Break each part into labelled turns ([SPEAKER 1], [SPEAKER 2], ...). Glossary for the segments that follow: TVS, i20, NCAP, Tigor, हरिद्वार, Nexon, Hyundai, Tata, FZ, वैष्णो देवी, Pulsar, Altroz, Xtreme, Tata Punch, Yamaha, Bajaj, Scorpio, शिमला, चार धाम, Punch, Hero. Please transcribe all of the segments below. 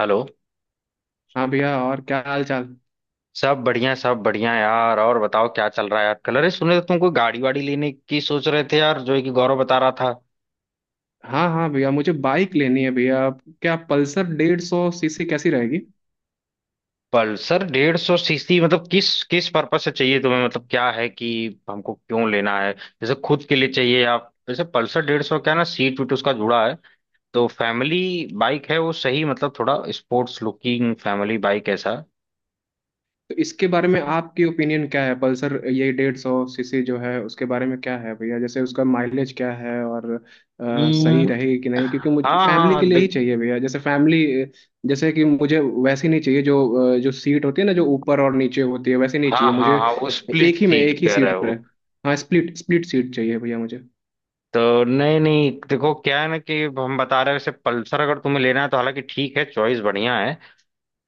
[SPEAKER 1] Hello.
[SPEAKER 2] हाँ भैया, और क्या हाल चाल।
[SPEAKER 1] सब बढ़िया यार। और बताओ क्या चल रहा है यार कल, अरे सुने तो तुमको गाड़ी वाड़ी लेने की सोच रहे थे यार, जो है कि गौरव बता रहा था।
[SPEAKER 2] हाँ हाँ भैया, मुझे बाइक लेनी है भैया। क्या पल्सर 150 सीसी कैसी रहेगी।
[SPEAKER 1] पल्सर 150 सीसी मतलब किस किस पर्पज से चाहिए तुम्हें, मतलब क्या है कि हमको क्यों लेना है, जैसे खुद के लिए चाहिए या जैसे पल्सर 150, क्या है ना सीट वीट उसका जुड़ा है तो फैमिली बाइक है। वो सही मतलब थोड़ा स्पोर्ट्स लुकिंग फैमिली बाइक ऐसा।
[SPEAKER 2] तो इसके बारे में आपकी ओपिनियन क्या है, पल्सर ये 150 सीसी जो है उसके बारे में क्या है भैया, जैसे उसका माइलेज क्या है और सही
[SPEAKER 1] हम्म,
[SPEAKER 2] रहेगी कि नहीं, क्योंकि मुझे
[SPEAKER 1] हाँ
[SPEAKER 2] फैमिली के
[SPEAKER 1] हाँ
[SPEAKER 2] लिए ही
[SPEAKER 1] देख।
[SPEAKER 2] चाहिए भैया, जैसे फैमिली जैसे कि मुझे वैसी नहीं चाहिए जो जो सीट होती है ना, जो ऊपर और नीचे होती है वैसी नहीं
[SPEAKER 1] हाँ
[SPEAKER 2] चाहिए
[SPEAKER 1] हाँ
[SPEAKER 2] मुझे।
[SPEAKER 1] हाँ वो स्प्लिट
[SPEAKER 2] एक ही में
[SPEAKER 1] सीट
[SPEAKER 2] एक ही
[SPEAKER 1] कह रहे
[SPEAKER 2] सीट
[SPEAKER 1] हो।
[SPEAKER 2] रहे। हाँ स्प्लिट स्प्लिट सीट चाहिए भैया मुझे।
[SPEAKER 1] तो नहीं नहीं देखो क्या है ना कि हम बता रहे हैं, वैसे पल्सर अगर तुम्हें लेना है तो हालांकि ठीक है, चॉइस बढ़िया है।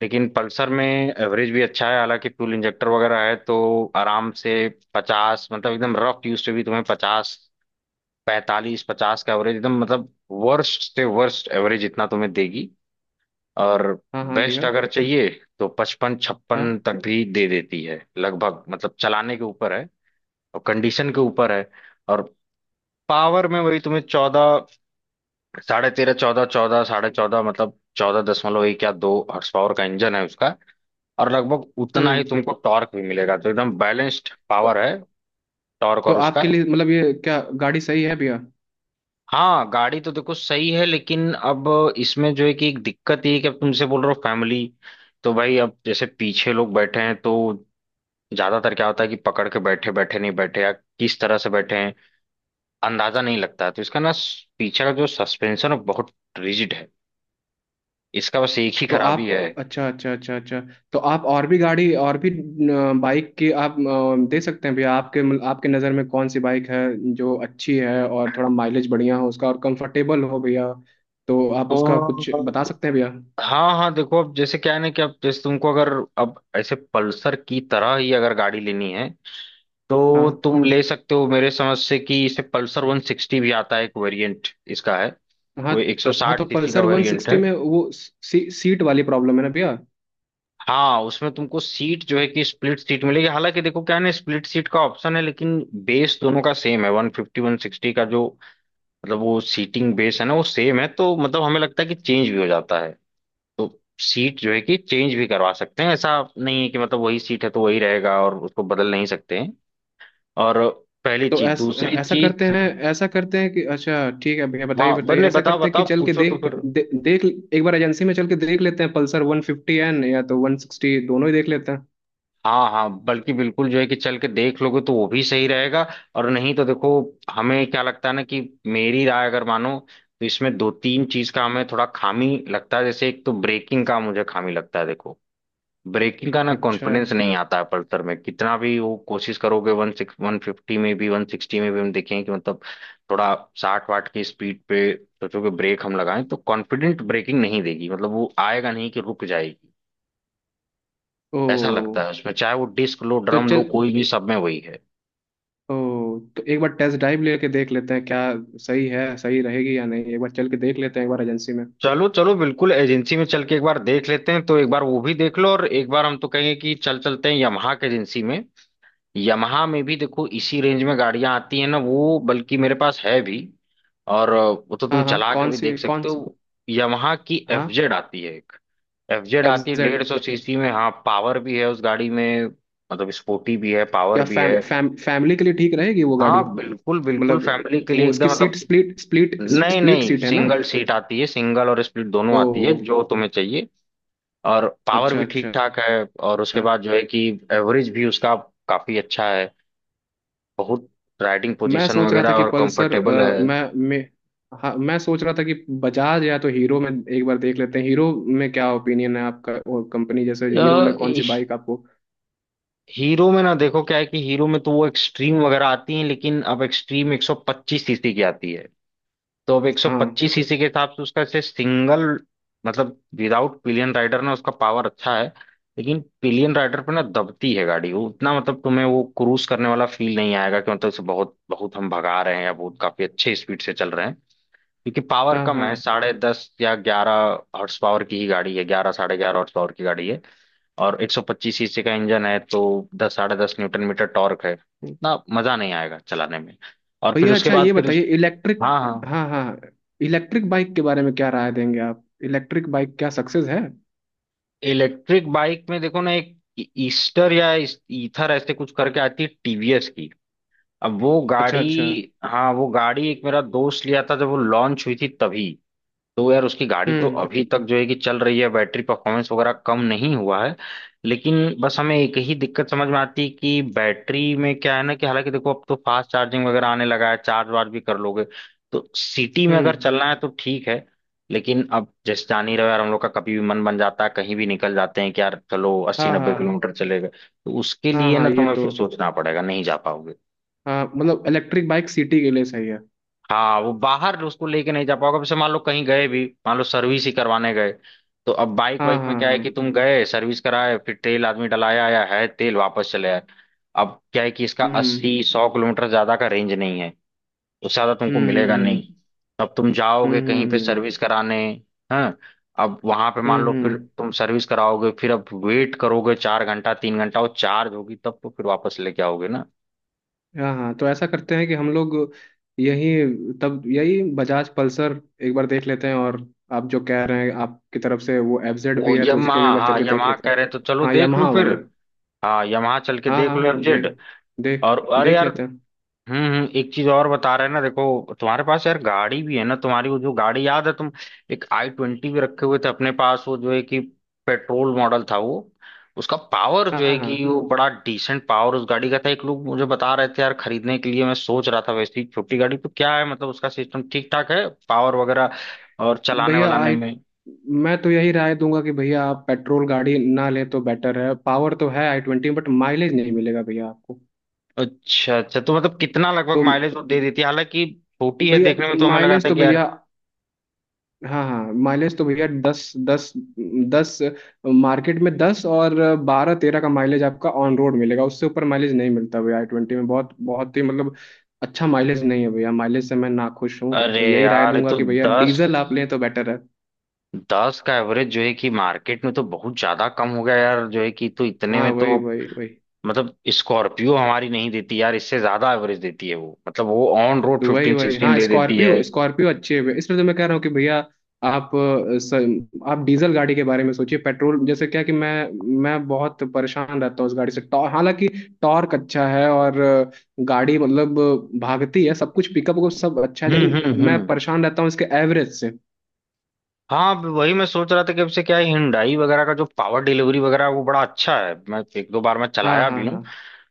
[SPEAKER 1] लेकिन पल्सर में एवरेज भी अच्छा है, हालांकि फ्यूल इंजेक्टर वगैरह है तो आराम से पचास, मतलब एकदम रफ यूज से भी तुम्हें पचास पैंतालीस पचास का एवरेज, एकदम मतलब वर्स्ट से वर्स्ट एवरेज इतना तुम्हें देगी। और
[SPEAKER 2] हाँ हाँ
[SPEAKER 1] बेस्ट
[SPEAKER 2] भैया।
[SPEAKER 1] अगर चाहिए तो पचपन
[SPEAKER 2] हाँ।
[SPEAKER 1] छप्पन तक भी दे देती है लगभग, मतलब चलाने के ऊपर है और कंडीशन के ऊपर है। और पावर में वही तुम्हें चौदह साढ़े तेरह चौदह चौदह साढ़े चौदह, मतलब चौदह दशमलव एक या दो हॉर्स पावर का इंजन है उसका। और लगभग उतना ही
[SPEAKER 2] हम्म।
[SPEAKER 1] तुमको टॉर्क भी मिलेगा तो एकदम बैलेंस्ड
[SPEAKER 2] तो
[SPEAKER 1] पावर है, टॉर्क
[SPEAKER 2] तो
[SPEAKER 1] और उसका।
[SPEAKER 2] आपके लिए मतलब ये क्या गाड़ी सही है भैया।
[SPEAKER 1] हाँ गाड़ी तो देखो सही है, लेकिन अब इसमें जो है कि एक दिक्कत ये है कि अब तुमसे बोल रहे हो फैमिली, तो भाई अब जैसे पीछे लोग बैठे हैं तो ज्यादातर क्या होता है कि पकड़ के बैठे बैठे नहीं बैठे या किस तरह से बैठे हैं अंदाजा नहीं लगता है, तो इसका ना पीछे का जो सस्पेंशन है बहुत रिजिड है। इसका बस एक ही
[SPEAKER 2] तो
[SPEAKER 1] खराबी
[SPEAKER 2] आप,
[SPEAKER 1] है।
[SPEAKER 2] अच्छा अच्छा अच्छा अच्छा। तो आप और भी गाड़ी और भी बाइक की आप दे सकते हैं भैया, आपके मतलब आपके नज़र में कौन सी बाइक है जो अच्छी है और थोड़ा माइलेज बढ़िया हो उसका और कंफर्टेबल हो भैया। तो आप उसका कुछ बता
[SPEAKER 1] तो
[SPEAKER 2] सकते हैं भैया।
[SPEAKER 1] हाँ हाँ देखो अब जैसे क्या है ना कि अब जैसे तुमको अगर अब ऐसे पल्सर की तरह ही अगर गाड़ी लेनी है तो
[SPEAKER 2] हाँ
[SPEAKER 1] तुम ले सकते हो, मेरे समझ से कि इसे पल्सर 160 भी आता है, एक वेरिएंट इसका है।
[SPEAKER 2] हाँ
[SPEAKER 1] वो
[SPEAKER 2] हाँ। तो
[SPEAKER 1] 160 सीसी का
[SPEAKER 2] पल्सर वन
[SPEAKER 1] वेरिएंट है।
[SPEAKER 2] सिक्सटी में वो सीट वाली प्रॉब्लम है ना भैया।
[SPEAKER 1] हाँ उसमें तुमको सीट जो है कि स्प्लिट सीट मिलेगी, हालांकि देखो क्या है ना, स्प्लिट सीट का ऑप्शन है लेकिन बेस दोनों का सेम है, 150 160 का जो मतलब वो सीटिंग बेस है ना वो सेम है, तो मतलब हमें लगता है कि चेंज भी हो जाता है। तो सीट जो है कि चेंज भी करवा सकते हैं, ऐसा नहीं है कि मतलब वही सीट है तो वही रहेगा और उसको बदल नहीं सकते हैं। और पहली
[SPEAKER 2] तो
[SPEAKER 1] चीज दूसरी
[SPEAKER 2] ऐसा करते
[SPEAKER 1] चीज।
[SPEAKER 2] हैं, ऐसा करते हैं कि अच्छा ठीक है भैया, बताइए
[SPEAKER 1] हाँ
[SPEAKER 2] बताइए,
[SPEAKER 1] बने
[SPEAKER 2] ऐसा
[SPEAKER 1] बताओ
[SPEAKER 2] करते हैं कि
[SPEAKER 1] बताओ
[SPEAKER 2] चल के
[SPEAKER 1] पूछो तो फिर।
[SPEAKER 2] देख, एक बार एजेंसी में चल के देख लेते हैं, पल्सर 150N या तो 160 दोनों ही देख लेते हैं।
[SPEAKER 1] हाँ हाँ बल्कि बिल्कुल जो है कि चल के देख लोगे तो वो भी सही रहेगा। और नहीं तो देखो हमें क्या लगता है ना कि मेरी राय अगर मानो तो इसमें दो तीन चीज का हमें थोड़ा खामी लगता है, जैसे एक तो ब्रेकिंग का मुझे खामी लगता है। देखो ब्रेकिंग का ना
[SPEAKER 2] अच्छा।
[SPEAKER 1] कॉन्फिडेंस नहीं आता है पल्सर में, कितना भी वो कोशिश करोगे वन सिक्स वन फिफ्टी में भी वन सिक्सटी में भी हम देखें कि मतलब थोड़ा 60 वाट की स्पीड पे सोचो कि ब्रेक हम लगाएं तो कॉन्फिडेंट ब्रेकिंग नहीं देगी, मतलब वो आएगा नहीं कि रुक जाएगी ऐसा लगता
[SPEAKER 2] ओ।
[SPEAKER 1] है उसमें, चाहे वो डिस्क लो
[SPEAKER 2] तो
[SPEAKER 1] ड्रम लो
[SPEAKER 2] चल।
[SPEAKER 1] कोई भी, सब में वही है।
[SPEAKER 2] ओ। तो एक बार टेस्ट ड्राइव लेके देख लेते हैं क्या, सही है, सही रहेगी या नहीं, एक बार चल के देख लेते हैं एक बार एजेंसी में।
[SPEAKER 1] चलो चलो बिल्कुल एजेंसी में चल के एक बार देख लेते हैं, तो एक बार वो भी देख लो और एक बार हम तो कहेंगे कि चल चलते हैं यामाहा की एजेंसी में। यमहा में भी देखो इसी रेंज में गाड़ियां आती हैं ना, वो बल्कि मेरे पास है भी। और वो तो तुम
[SPEAKER 2] हाँ हाँ,
[SPEAKER 1] चला के
[SPEAKER 2] कौन
[SPEAKER 1] भी
[SPEAKER 2] सी
[SPEAKER 1] देख
[SPEAKER 2] कौन
[SPEAKER 1] सकते
[SPEAKER 2] सी।
[SPEAKER 1] हो। यमहा की
[SPEAKER 2] हाँ
[SPEAKER 1] एफजेड आती है एक। एफजेड
[SPEAKER 2] एफ
[SPEAKER 1] आती है डेढ़
[SPEAKER 2] जेड।
[SPEAKER 1] सौ सीसी में, हाँ पावर भी है उस गाड़ी में, मतलब स्पोर्टी भी है पावर
[SPEAKER 2] क्या
[SPEAKER 1] भी
[SPEAKER 2] फैम,
[SPEAKER 1] है।
[SPEAKER 2] फैम, फैमिली के लिए ठीक रहेगी वो गाड़ी।
[SPEAKER 1] हाँ बिल्कुल बिल्कुल
[SPEAKER 2] मतलब
[SPEAKER 1] फैमिली के लिए
[SPEAKER 2] वो उसकी
[SPEAKER 1] एकदम
[SPEAKER 2] सीट
[SPEAKER 1] मतलब।
[SPEAKER 2] स्प्लिट स्प्लिट
[SPEAKER 1] नहीं
[SPEAKER 2] स्प्लिट
[SPEAKER 1] नहीं
[SPEAKER 2] सीट है ना।
[SPEAKER 1] सिंगल सीट आती है, सिंगल और स्प्लिट दोनों
[SPEAKER 2] ओ।
[SPEAKER 1] आती है जो तुम्हें चाहिए। और पावर
[SPEAKER 2] अच्छा
[SPEAKER 1] भी ठीक
[SPEAKER 2] अच्छा।
[SPEAKER 1] ठाक है। और उसके बाद जो है कि एवरेज भी उसका काफी अच्छा है, बहुत राइडिंग
[SPEAKER 2] मैं
[SPEAKER 1] पोजीशन
[SPEAKER 2] सोच रहा था
[SPEAKER 1] वगैरह
[SPEAKER 2] कि
[SPEAKER 1] और
[SPEAKER 2] पल्सर,
[SPEAKER 1] कंफर्टेबल है।
[SPEAKER 2] मैं, हाँ मैं सोच रहा था कि बजाज या तो हीरो में एक बार देख लेते हैं, हीरो में क्या ओपिनियन है आपका, और कंपनी जैसे
[SPEAKER 1] अ,
[SPEAKER 2] हीरो में कौन सी
[SPEAKER 1] इश-
[SPEAKER 2] बाइक आपको।
[SPEAKER 1] हीरो में ना देखो क्या है कि हीरो में तो वो एक्सट्रीम वगैरह आती है, लेकिन अब एक्सट्रीम 125 सीसी की आती है। तो अब
[SPEAKER 2] हाँ
[SPEAKER 1] 125 सीसी के हिसाब से उसका ऐसे सिंगल मतलब विदाउट पिलियन राइडर ना उसका पावर अच्छा है। लेकिन पिलियन राइडर पे ना दबती है गाड़ी, वो उतना मतलब तुम्हें वो क्रूज करने वाला फील नहीं आएगा, कि मतलब उसे बहुत बहुत हम भगा रहे हैं या बहुत काफी अच्छे स्पीड से चल रहे हैं, क्योंकि पावर
[SPEAKER 2] हाँ
[SPEAKER 1] कम है
[SPEAKER 2] हाँ।
[SPEAKER 1] साढ़े दस या ग्यारह हॉर्स पावर की ही गाड़ी है। ग्यारह साढ़े ग्यारह हॉर्स पावर की गाड़ी है और 125 सीसी का इंजन है, तो दस साढ़े दस न्यूटन मीटर टॉर्क है, इतना मजा नहीं आएगा चलाने में। और फिर
[SPEAKER 2] भैया
[SPEAKER 1] उसके
[SPEAKER 2] अच्छा
[SPEAKER 1] बाद
[SPEAKER 2] ये
[SPEAKER 1] फिर
[SPEAKER 2] बताइए
[SPEAKER 1] उस,
[SPEAKER 2] इलेक्ट्रिक।
[SPEAKER 1] हाँ हाँ
[SPEAKER 2] हाँ हाँ। इलेक्ट्रिक बाइक के बारे में क्या राय देंगे आप, इलेक्ट्रिक बाइक क्या सक्सेस है।
[SPEAKER 1] इलेक्ट्रिक बाइक में देखो ना एक ईस्टर या ईथर ऐसे कुछ करके आती है टीवीएस की। अब वो
[SPEAKER 2] अच्छा
[SPEAKER 1] गाड़ी,
[SPEAKER 2] अच्छा।
[SPEAKER 1] हाँ वो गाड़ी एक मेरा दोस्त लिया था जब वो लॉन्च हुई थी तभी, तो यार उसकी गाड़ी तो
[SPEAKER 2] हम्म।
[SPEAKER 1] अभी तक जो है कि चल रही है, बैटरी परफॉर्मेंस वगैरह कम नहीं हुआ है। लेकिन बस हमें एक ही दिक्कत समझ में आती है कि बैटरी में क्या है ना कि हालांकि देखो अब तो फास्ट चार्जिंग वगैरह आने लगा है, चार्ज वार्ज भी कर लोगे तो सिटी में अगर
[SPEAKER 2] हम्म।
[SPEAKER 1] चलना है तो ठीक है। लेकिन अब जैसे जान ही रहे हो यार, हम लोग का कभी भी मन बन जाता है, कहीं भी निकल जाते हैं कि यार चलो अस्सी
[SPEAKER 2] हाँ
[SPEAKER 1] नब्बे
[SPEAKER 2] हाँ।
[SPEAKER 1] किलोमीटर चले गए, तो उसके
[SPEAKER 2] हाँ
[SPEAKER 1] लिए
[SPEAKER 2] हाँ
[SPEAKER 1] ना
[SPEAKER 2] ये
[SPEAKER 1] तुम्हें
[SPEAKER 2] तो।
[SPEAKER 1] फिर सोचना पड़ेगा, नहीं जा पाओगे।
[SPEAKER 2] हाँ मतलब इलेक्ट्रिक बाइक सिटी के लिए सही है।
[SPEAKER 1] हाँ वो बाहर उसको लेके नहीं जा पाओगे, अब जैसे मान लो कहीं गए भी, मान लो सर्विस ही करवाने गए तो अब बाइक
[SPEAKER 2] हाँ
[SPEAKER 1] वाइक में
[SPEAKER 2] हाँ
[SPEAKER 1] क्या है
[SPEAKER 2] हाँ।
[SPEAKER 1] कि तुम गए सर्विस कराए, फिर तेल आदमी डलाया आया है तेल, वापस चले आए। अब क्या है कि इसका
[SPEAKER 2] हम्म
[SPEAKER 1] 80 100 किलोमीटर ज्यादा का रेंज नहीं है, उससे ज्यादा तुमको
[SPEAKER 2] हम्म
[SPEAKER 1] मिलेगा नहीं।
[SPEAKER 2] हम्म।
[SPEAKER 1] अब तुम जाओगे कहीं पे
[SPEAKER 2] हम्म।
[SPEAKER 1] सर्विस कराने, हाँ अब वहां पे मान
[SPEAKER 2] हम्म,
[SPEAKER 1] लो फिर
[SPEAKER 2] हम्म।
[SPEAKER 1] तुम सर्विस कराओगे, फिर अब वेट करोगे 4 घंटा 3 घंटा, वो चार्ज होगी तब तो फिर वापस लेके आओगे ना।
[SPEAKER 2] हाँ हाँ, तो ऐसा करते हैं कि हम लोग यही, तब यही बजाज पल्सर एक बार देख लेते हैं, और आप जो कह रहे हैं आपकी तरफ से वो एफजेड
[SPEAKER 1] वो
[SPEAKER 2] भी है तो
[SPEAKER 1] यमा,
[SPEAKER 2] उसको भी एक बार चल
[SPEAKER 1] हाँ
[SPEAKER 2] के देख
[SPEAKER 1] यमा
[SPEAKER 2] लेते
[SPEAKER 1] कह
[SPEAKER 2] हैं।
[SPEAKER 1] रहे तो चलो
[SPEAKER 2] हाँ
[SPEAKER 1] देख लो
[SPEAKER 2] यामाहा
[SPEAKER 1] फिर।
[SPEAKER 2] वाली।
[SPEAKER 1] हाँ यमाहा चल के
[SPEAKER 2] हाँ
[SPEAKER 1] देख लो
[SPEAKER 2] हाँ,
[SPEAKER 1] एफजेड।
[SPEAKER 2] देख देख
[SPEAKER 1] और अरे
[SPEAKER 2] देख
[SPEAKER 1] यार
[SPEAKER 2] लेते हैं।
[SPEAKER 1] एक चीज और बता रहे हैं ना, देखो तुम्हारे पास यार गाड़ी भी है ना, तुम्हारी वो जो गाड़ी याद है तुम एक आई ट्वेंटी भी रखे हुए थे अपने पास, वो जो है कि पेट्रोल मॉडल था वो। उसका पावर
[SPEAKER 2] हाँ
[SPEAKER 1] जो है कि
[SPEAKER 2] हाँ
[SPEAKER 1] वो बड़ा डिसेंट पावर उस गाड़ी का था, एक लोग मुझे बता रहे थे यार खरीदने के लिए, मैं सोच रहा था वैसी छोटी गाड़ी तो क्या है मतलब उसका सिस्टम ठीक ठाक है पावर वगैरह और चलाने
[SPEAKER 2] भैया
[SPEAKER 1] वालाने
[SPEAKER 2] आई।
[SPEAKER 1] में।
[SPEAKER 2] मैं तो यही राय दूंगा कि भैया आप पेट्रोल गाड़ी ना लें तो बेटर है, पावर तो है i20, बट माइलेज नहीं मिलेगा भैया आपको।
[SPEAKER 1] अच्छा अच्छा तो मतलब कितना लगभग
[SPEAKER 2] तो
[SPEAKER 1] माइलेज वो दे देती है, हालांकि छोटी है
[SPEAKER 2] भैया
[SPEAKER 1] देखने में तो हमें लगा
[SPEAKER 2] माइलेज
[SPEAKER 1] था
[SPEAKER 2] तो
[SPEAKER 1] कि यार।
[SPEAKER 2] भैया, हाँ हाँ माइलेज तो भैया दस दस दस, मार्केट में दस और 12-13 का माइलेज आपका ऑन रोड मिलेगा, उससे ऊपर माइलेज नहीं मिलता भैया i20 में, बहुत बहुत ही मतलब अच्छा माइलेज नहीं है भैया, माइलेज से मैं नाखुश हूँ
[SPEAKER 1] अरे
[SPEAKER 2] और यही राय
[SPEAKER 1] यार ये
[SPEAKER 2] दूंगा
[SPEAKER 1] तो
[SPEAKER 2] कि भैया
[SPEAKER 1] दस
[SPEAKER 2] डीजल आप लें तो बेटर है।
[SPEAKER 1] दस का एवरेज जो है कि मार्केट में तो बहुत ज्यादा कम हो गया यार, जो है कि तो इतने
[SPEAKER 2] हाँ
[SPEAKER 1] में तो
[SPEAKER 2] वही वही वही।
[SPEAKER 1] मतलब स्कॉर्पियो हमारी नहीं देती यार, इससे ज्यादा एवरेज देती है वो, मतलब वो ऑन रोड
[SPEAKER 2] तो वही
[SPEAKER 1] फिफ्टीन
[SPEAKER 2] वही,
[SPEAKER 1] सिक्सटीन
[SPEAKER 2] हाँ
[SPEAKER 1] दे देती है।
[SPEAKER 2] स्कॉर्पियो स्कॉर्पियो अच्छी है, इसलिए तो मैं कह रहा हूँ कि भैया आप, आप डीजल गाड़ी के बारे में सोचिए, पेट्रोल जैसे क्या कि मैं बहुत परेशान रहता हूँ उस गाड़ी से, टॉर हालांकि टॉर्क अच्छा है और गाड़ी मतलब भागती है सब कुछ, पिकअप को सब अच्छा है, लेकिन मैं
[SPEAKER 1] हम्म।
[SPEAKER 2] परेशान रहता हूँ इसके एवरेज से।
[SPEAKER 1] हाँ अब वही मैं सोच रहा था कि अब से क्या है, हिंडाई वगैरह का जो पावर डिलीवरी वगैरह है, वो बड़ा अच्छा है, मैं एक दो बार मैं
[SPEAKER 2] हाँ
[SPEAKER 1] चलाया
[SPEAKER 2] हाँ
[SPEAKER 1] भी हूँ
[SPEAKER 2] हाँ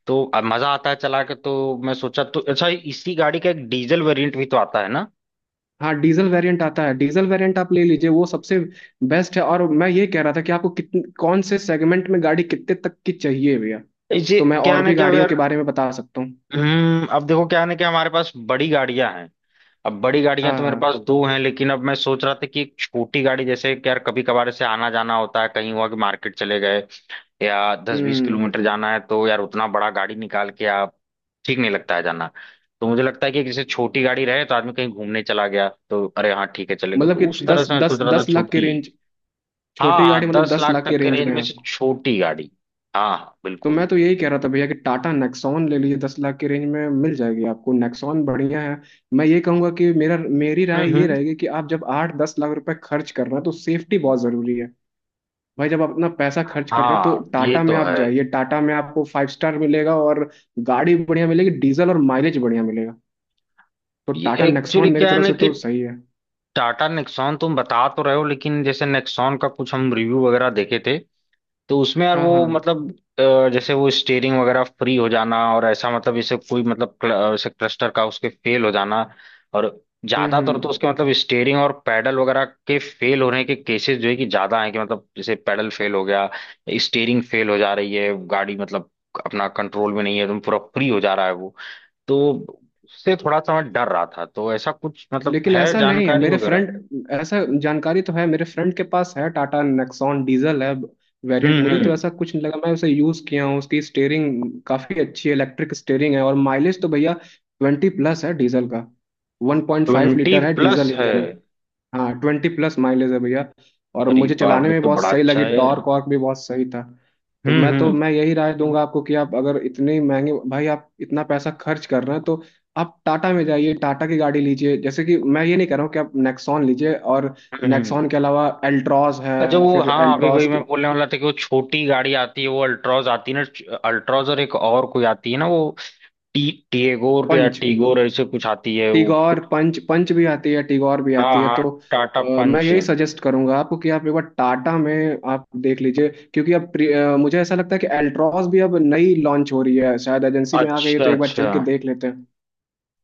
[SPEAKER 1] तो अब मजा आता है चला के, तो मैं सोचा तो अच्छा इसी गाड़ी का एक डीजल वेरिएंट भी तो आता है ना।
[SPEAKER 2] हाँ। डीजल वेरिएंट आता है, डीजल वेरिएंट आप ले लीजिए वो सबसे बेस्ट है। और मैं ये कह रहा था कि आपको कौन से सेगमेंट में गाड़ी कितने तक की चाहिए भैया।
[SPEAKER 1] इसे
[SPEAKER 2] तो मैं
[SPEAKER 1] क्या है
[SPEAKER 2] और
[SPEAKER 1] ना
[SPEAKER 2] भी
[SPEAKER 1] क्या
[SPEAKER 2] गाड़ियों के
[SPEAKER 1] यार,
[SPEAKER 2] बारे में बता सकता हूँ।
[SPEAKER 1] अब देखो क्या है ना कि हमारे पास बड़ी गाड़ियां हैं। अब बड़ी गाड़ियां तो
[SPEAKER 2] हाँ
[SPEAKER 1] मेरे
[SPEAKER 2] हाँ।
[SPEAKER 1] पास दो हैं, लेकिन अब मैं सोच रहा था कि एक छोटी गाड़ी जैसे कि यार कभी कभार ऐसे आना जाना होता है, कहीं हुआ कि मार्केट चले गए या दस बीस
[SPEAKER 2] हम्म।
[SPEAKER 1] किलोमीटर जाना है तो यार उतना बड़ा गाड़ी निकाल के आप ठीक नहीं लगता है जाना। तो मुझे लगता है कि जैसे छोटी गाड़ी रहे तो आदमी कहीं घूमने चला गया तो अरे हाँ ठीक है चलेगा,
[SPEAKER 2] मतलब कि
[SPEAKER 1] तो उस तरह
[SPEAKER 2] दस
[SPEAKER 1] से मैं
[SPEAKER 2] दस
[SPEAKER 1] सोच रहा था
[SPEAKER 2] 10 लाख के
[SPEAKER 1] छोटी।
[SPEAKER 2] रेंज,
[SPEAKER 1] हाँ
[SPEAKER 2] छोटी गाड़ी
[SPEAKER 1] हाँ
[SPEAKER 2] मतलब
[SPEAKER 1] दस
[SPEAKER 2] दस
[SPEAKER 1] लाख
[SPEAKER 2] लाख के
[SPEAKER 1] तक के
[SPEAKER 2] रेंज
[SPEAKER 1] रेंज
[SPEAKER 2] में
[SPEAKER 1] में से
[SPEAKER 2] आपको।
[SPEAKER 1] छोटी गाड़ी, हाँ
[SPEAKER 2] तो
[SPEAKER 1] बिल्कुल।
[SPEAKER 2] मैं तो यही कह रहा था भैया कि टाटा नेक्सॉन ले लीजिए, 10 लाख के रेंज में मिल जाएगी आपको, नेक्सॉन बढ़िया है। मैं ये कहूंगा कि मेरा, मेरी राय
[SPEAKER 1] हम्म
[SPEAKER 2] ये
[SPEAKER 1] हम्म।
[SPEAKER 2] रहेगी कि आप जब 8-10 लाख रुपए खर्च कर रहे हैं तो सेफ्टी बहुत जरूरी है। भाई जब आप अपना पैसा खर्च कर रहे हैं तो
[SPEAKER 1] हाँ ये
[SPEAKER 2] टाटा में
[SPEAKER 1] तो
[SPEAKER 2] आप
[SPEAKER 1] है।
[SPEAKER 2] जाइए, टाटा में आपको फाइव स्टार मिलेगा, और गाड़ी बढ़िया मिलेगी डीजल, और माइलेज बढ़िया मिलेगा। तो
[SPEAKER 1] ये
[SPEAKER 2] टाटा
[SPEAKER 1] एक्चुअली
[SPEAKER 2] नेक्सॉन मेरी
[SPEAKER 1] क्या है
[SPEAKER 2] तरफ
[SPEAKER 1] ना
[SPEAKER 2] से
[SPEAKER 1] कि
[SPEAKER 2] तो सही है।
[SPEAKER 1] टाटा नेक्सॉन तुम बता तो रहे हो लेकिन जैसे नेक्सॉन का कुछ हम रिव्यू वगैरह देखे थे तो उसमें यार
[SPEAKER 2] हाँ
[SPEAKER 1] वो
[SPEAKER 2] हाँ।
[SPEAKER 1] मतलब जैसे वो स्टेयरिंग वगैरह फ्री हो जाना, और ऐसा मतलब जैसे कोई मतलब जैसे क्लस्टर का उसके फेल हो जाना, और ज्यादातर तो
[SPEAKER 2] हम्म।
[SPEAKER 1] उसके मतलब स्टेयरिंग और पैडल वगैरह के फेल होने के केसेस जो है कि ज्यादा हैं, कि मतलब जैसे पैडल फेल हो गया, स्टेयरिंग फेल हो जा रही है गाड़ी, मतलब अपना कंट्रोल में नहीं है तुम, पूरा फ्री हो जा रहा है वो। तो उससे थोड़ा सा मैं डर रहा था, तो ऐसा कुछ मतलब
[SPEAKER 2] लेकिन
[SPEAKER 1] है
[SPEAKER 2] ऐसा नहीं है
[SPEAKER 1] जानकारी
[SPEAKER 2] मेरे
[SPEAKER 1] वगैरह।
[SPEAKER 2] फ्रेंड, ऐसा जानकारी तो है, मेरे फ्रेंड के पास है, टाटा नेक्सॉन डीजल है वेरिएंट,
[SPEAKER 1] हम्म
[SPEAKER 2] मुझे तो
[SPEAKER 1] हम्म
[SPEAKER 2] ऐसा कुछ नहीं लगा, मैं उसे यूज किया हूँ, उसकी स्टेयरिंग काफी अच्छी है, इलेक्ट्रिक स्टेयरिंग है, और माइलेज तो भैया 20+ है डीजल का, one point five
[SPEAKER 1] twenty
[SPEAKER 2] litre है
[SPEAKER 1] प्लस
[SPEAKER 2] डीजल
[SPEAKER 1] है।
[SPEAKER 2] इंजन है। हाँ 20+ माइलेज है भैया, और
[SPEAKER 1] अरे
[SPEAKER 2] मुझे
[SPEAKER 1] बाप
[SPEAKER 2] चलाने
[SPEAKER 1] रे
[SPEAKER 2] में
[SPEAKER 1] तो
[SPEAKER 2] बहुत
[SPEAKER 1] बड़ा
[SPEAKER 2] सही
[SPEAKER 1] अच्छा
[SPEAKER 2] लगी,
[SPEAKER 1] है यार।
[SPEAKER 2] टॉर्क वॉर्क भी बहुत सही था। तो
[SPEAKER 1] हम्म
[SPEAKER 2] मैं तो
[SPEAKER 1] हम्म
[SPEAKER 2] मैं यही राय दूंगा आपको कि आप अगर इतने महंगे, भाई आप इतना पैसा खर्च कर रहे हैं तो आप टाटा में जाइए, टाटा की गाड़ी लीजिए, जैसे कि मैं ये नहीं कह रहा हूँ कि आप नेक्सॉन लीजिए, और
[SPEAKER 1] हम्म।
[SPEAKER 2] नेक्सॉन के अलावा एल्ट्रॉस है,
[SPEAKER 1] अच्छा वो,
[SPEAKER 2] फिर
[SPEAKER 1] हाँ अभी वही
[SPEAKER 2] एल्ट्रॉस के
[SPEAKER 1] मैं बोलने वाला था कि वो छोटी गाड़ी आती है वो अल्ट्रॉज आती है ना, अल्ट्रॉज, और एक और कोई आती है ना वो, टी टीगोर या
[SPEAKER 2] पंच,
[SPEAKER 1] टीगोर ऐसे कुछ आती है वो।
[SPEAKER 2] टिगोर, पंच पंच भी आती है, टिगोर भी
[SPEAKER 1] हाँ
[SPEAKER 2] आती है
[SPEAKER 1] हाँ
[SPEAKER 2] तो
[SPEAKER 1] टाटा
[SPEAKER 2] मैं
[SPEAKER 1] पंच।
[SPEAKER 2] यही सजेस्ट करूंगा आपको कि आप एक बार टाटा में आप देख लीजिए, क्योंकि अब मुझे ऐसा लगता है कि एल्ट्रॉस भी अब नई लॉन्च हो रही है, शायद एजेंसी में आ गई है
[SPEAKER 1] अच्छा
[SPEAKER 2] तो एक बार
[SPEAKER 1] अच्छा।
[SPEAKER 2] चल के देख लेते हैं।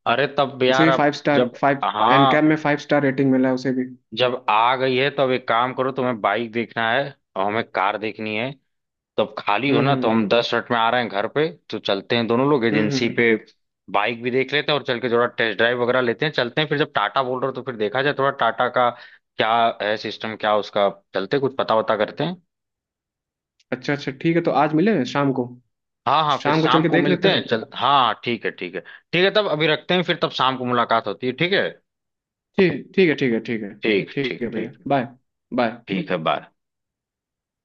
[SPEAKER 1] अरे तब
[SPEAKER 2] उसे
[SPEAKER 1] यार
[SPEAKER 2] भी
[SPEAKER 1] अब
[SPEAKER 2] फाइव स्टार,
[SPEAKER 1] जब,
[SPEAKER 2] फाइव NCAP
[SPEAKER 1] हाँ
[SPEAKER 2] में फाइव स्टार रेटिंग मिला है उसे भी।
[SPEAKER 1] जब आ गई है तो अब एक काम करो, तुम्हें बाइक देखना है और हमें कार देखनी है, तो अब खाली हो ना तो
[SPEAKER 2] हम्म।
[SPEAKER 1] हम 10 मिनट में आ रहे हैं घर पे, तो चलते हैं दोनों लोग
[SPEAKER 2] हम्म
[SPEAKER 1] एजेंसी
[SPEAKER 2] हम्म।
[SPEAKER 1] पे। बाइक भी देख लेते हैं और चल के थोड़ा टेस्ट ड्राइव वगैरह लेते हैं, चलते हैं फिर, जब टाटा बोल रहे हो तो फिर देखा जाए थोड़ा टाटा का क्या है सिस्टम क्या उसका। चलते हैं, कुछ पता वता करते हैं।
[SPEAKER 2] अच्छा अच्छा, ठीक है तो आज मिले शाम को।
[SPEAKER 1] हाँ हाँ फिर
[SPEAKER 2] शाम को चल
[SPEAKER 1] शाम
[SPEAKER 2] के
[SPEAKER 1] को
[SPEAKER 2] देख लेते
[SPEAKER 1] मिलते
[SPEAKER 2] हैं।
[SPEAKER 1] हैं चल, हाँ हाँ, ठीक है ठीक है ठीक है, तब अभी रखते हैं, फिर तब शाम को मुलाकात होती है, ठीक है।
[SPEAKER 2] ठीक, ठीक है ठीक है ठीक है।
[SPEAKER 1] ठीक
[SPEAKER 2] ठीक
[SPEAKER 1] ठीक
[SPEAKER 2] है भैया
[SPEAKER 1] ठीक।
[SPEAKER 2] बाय। बाय।
[SPEAKER 1] ठीक है बाय।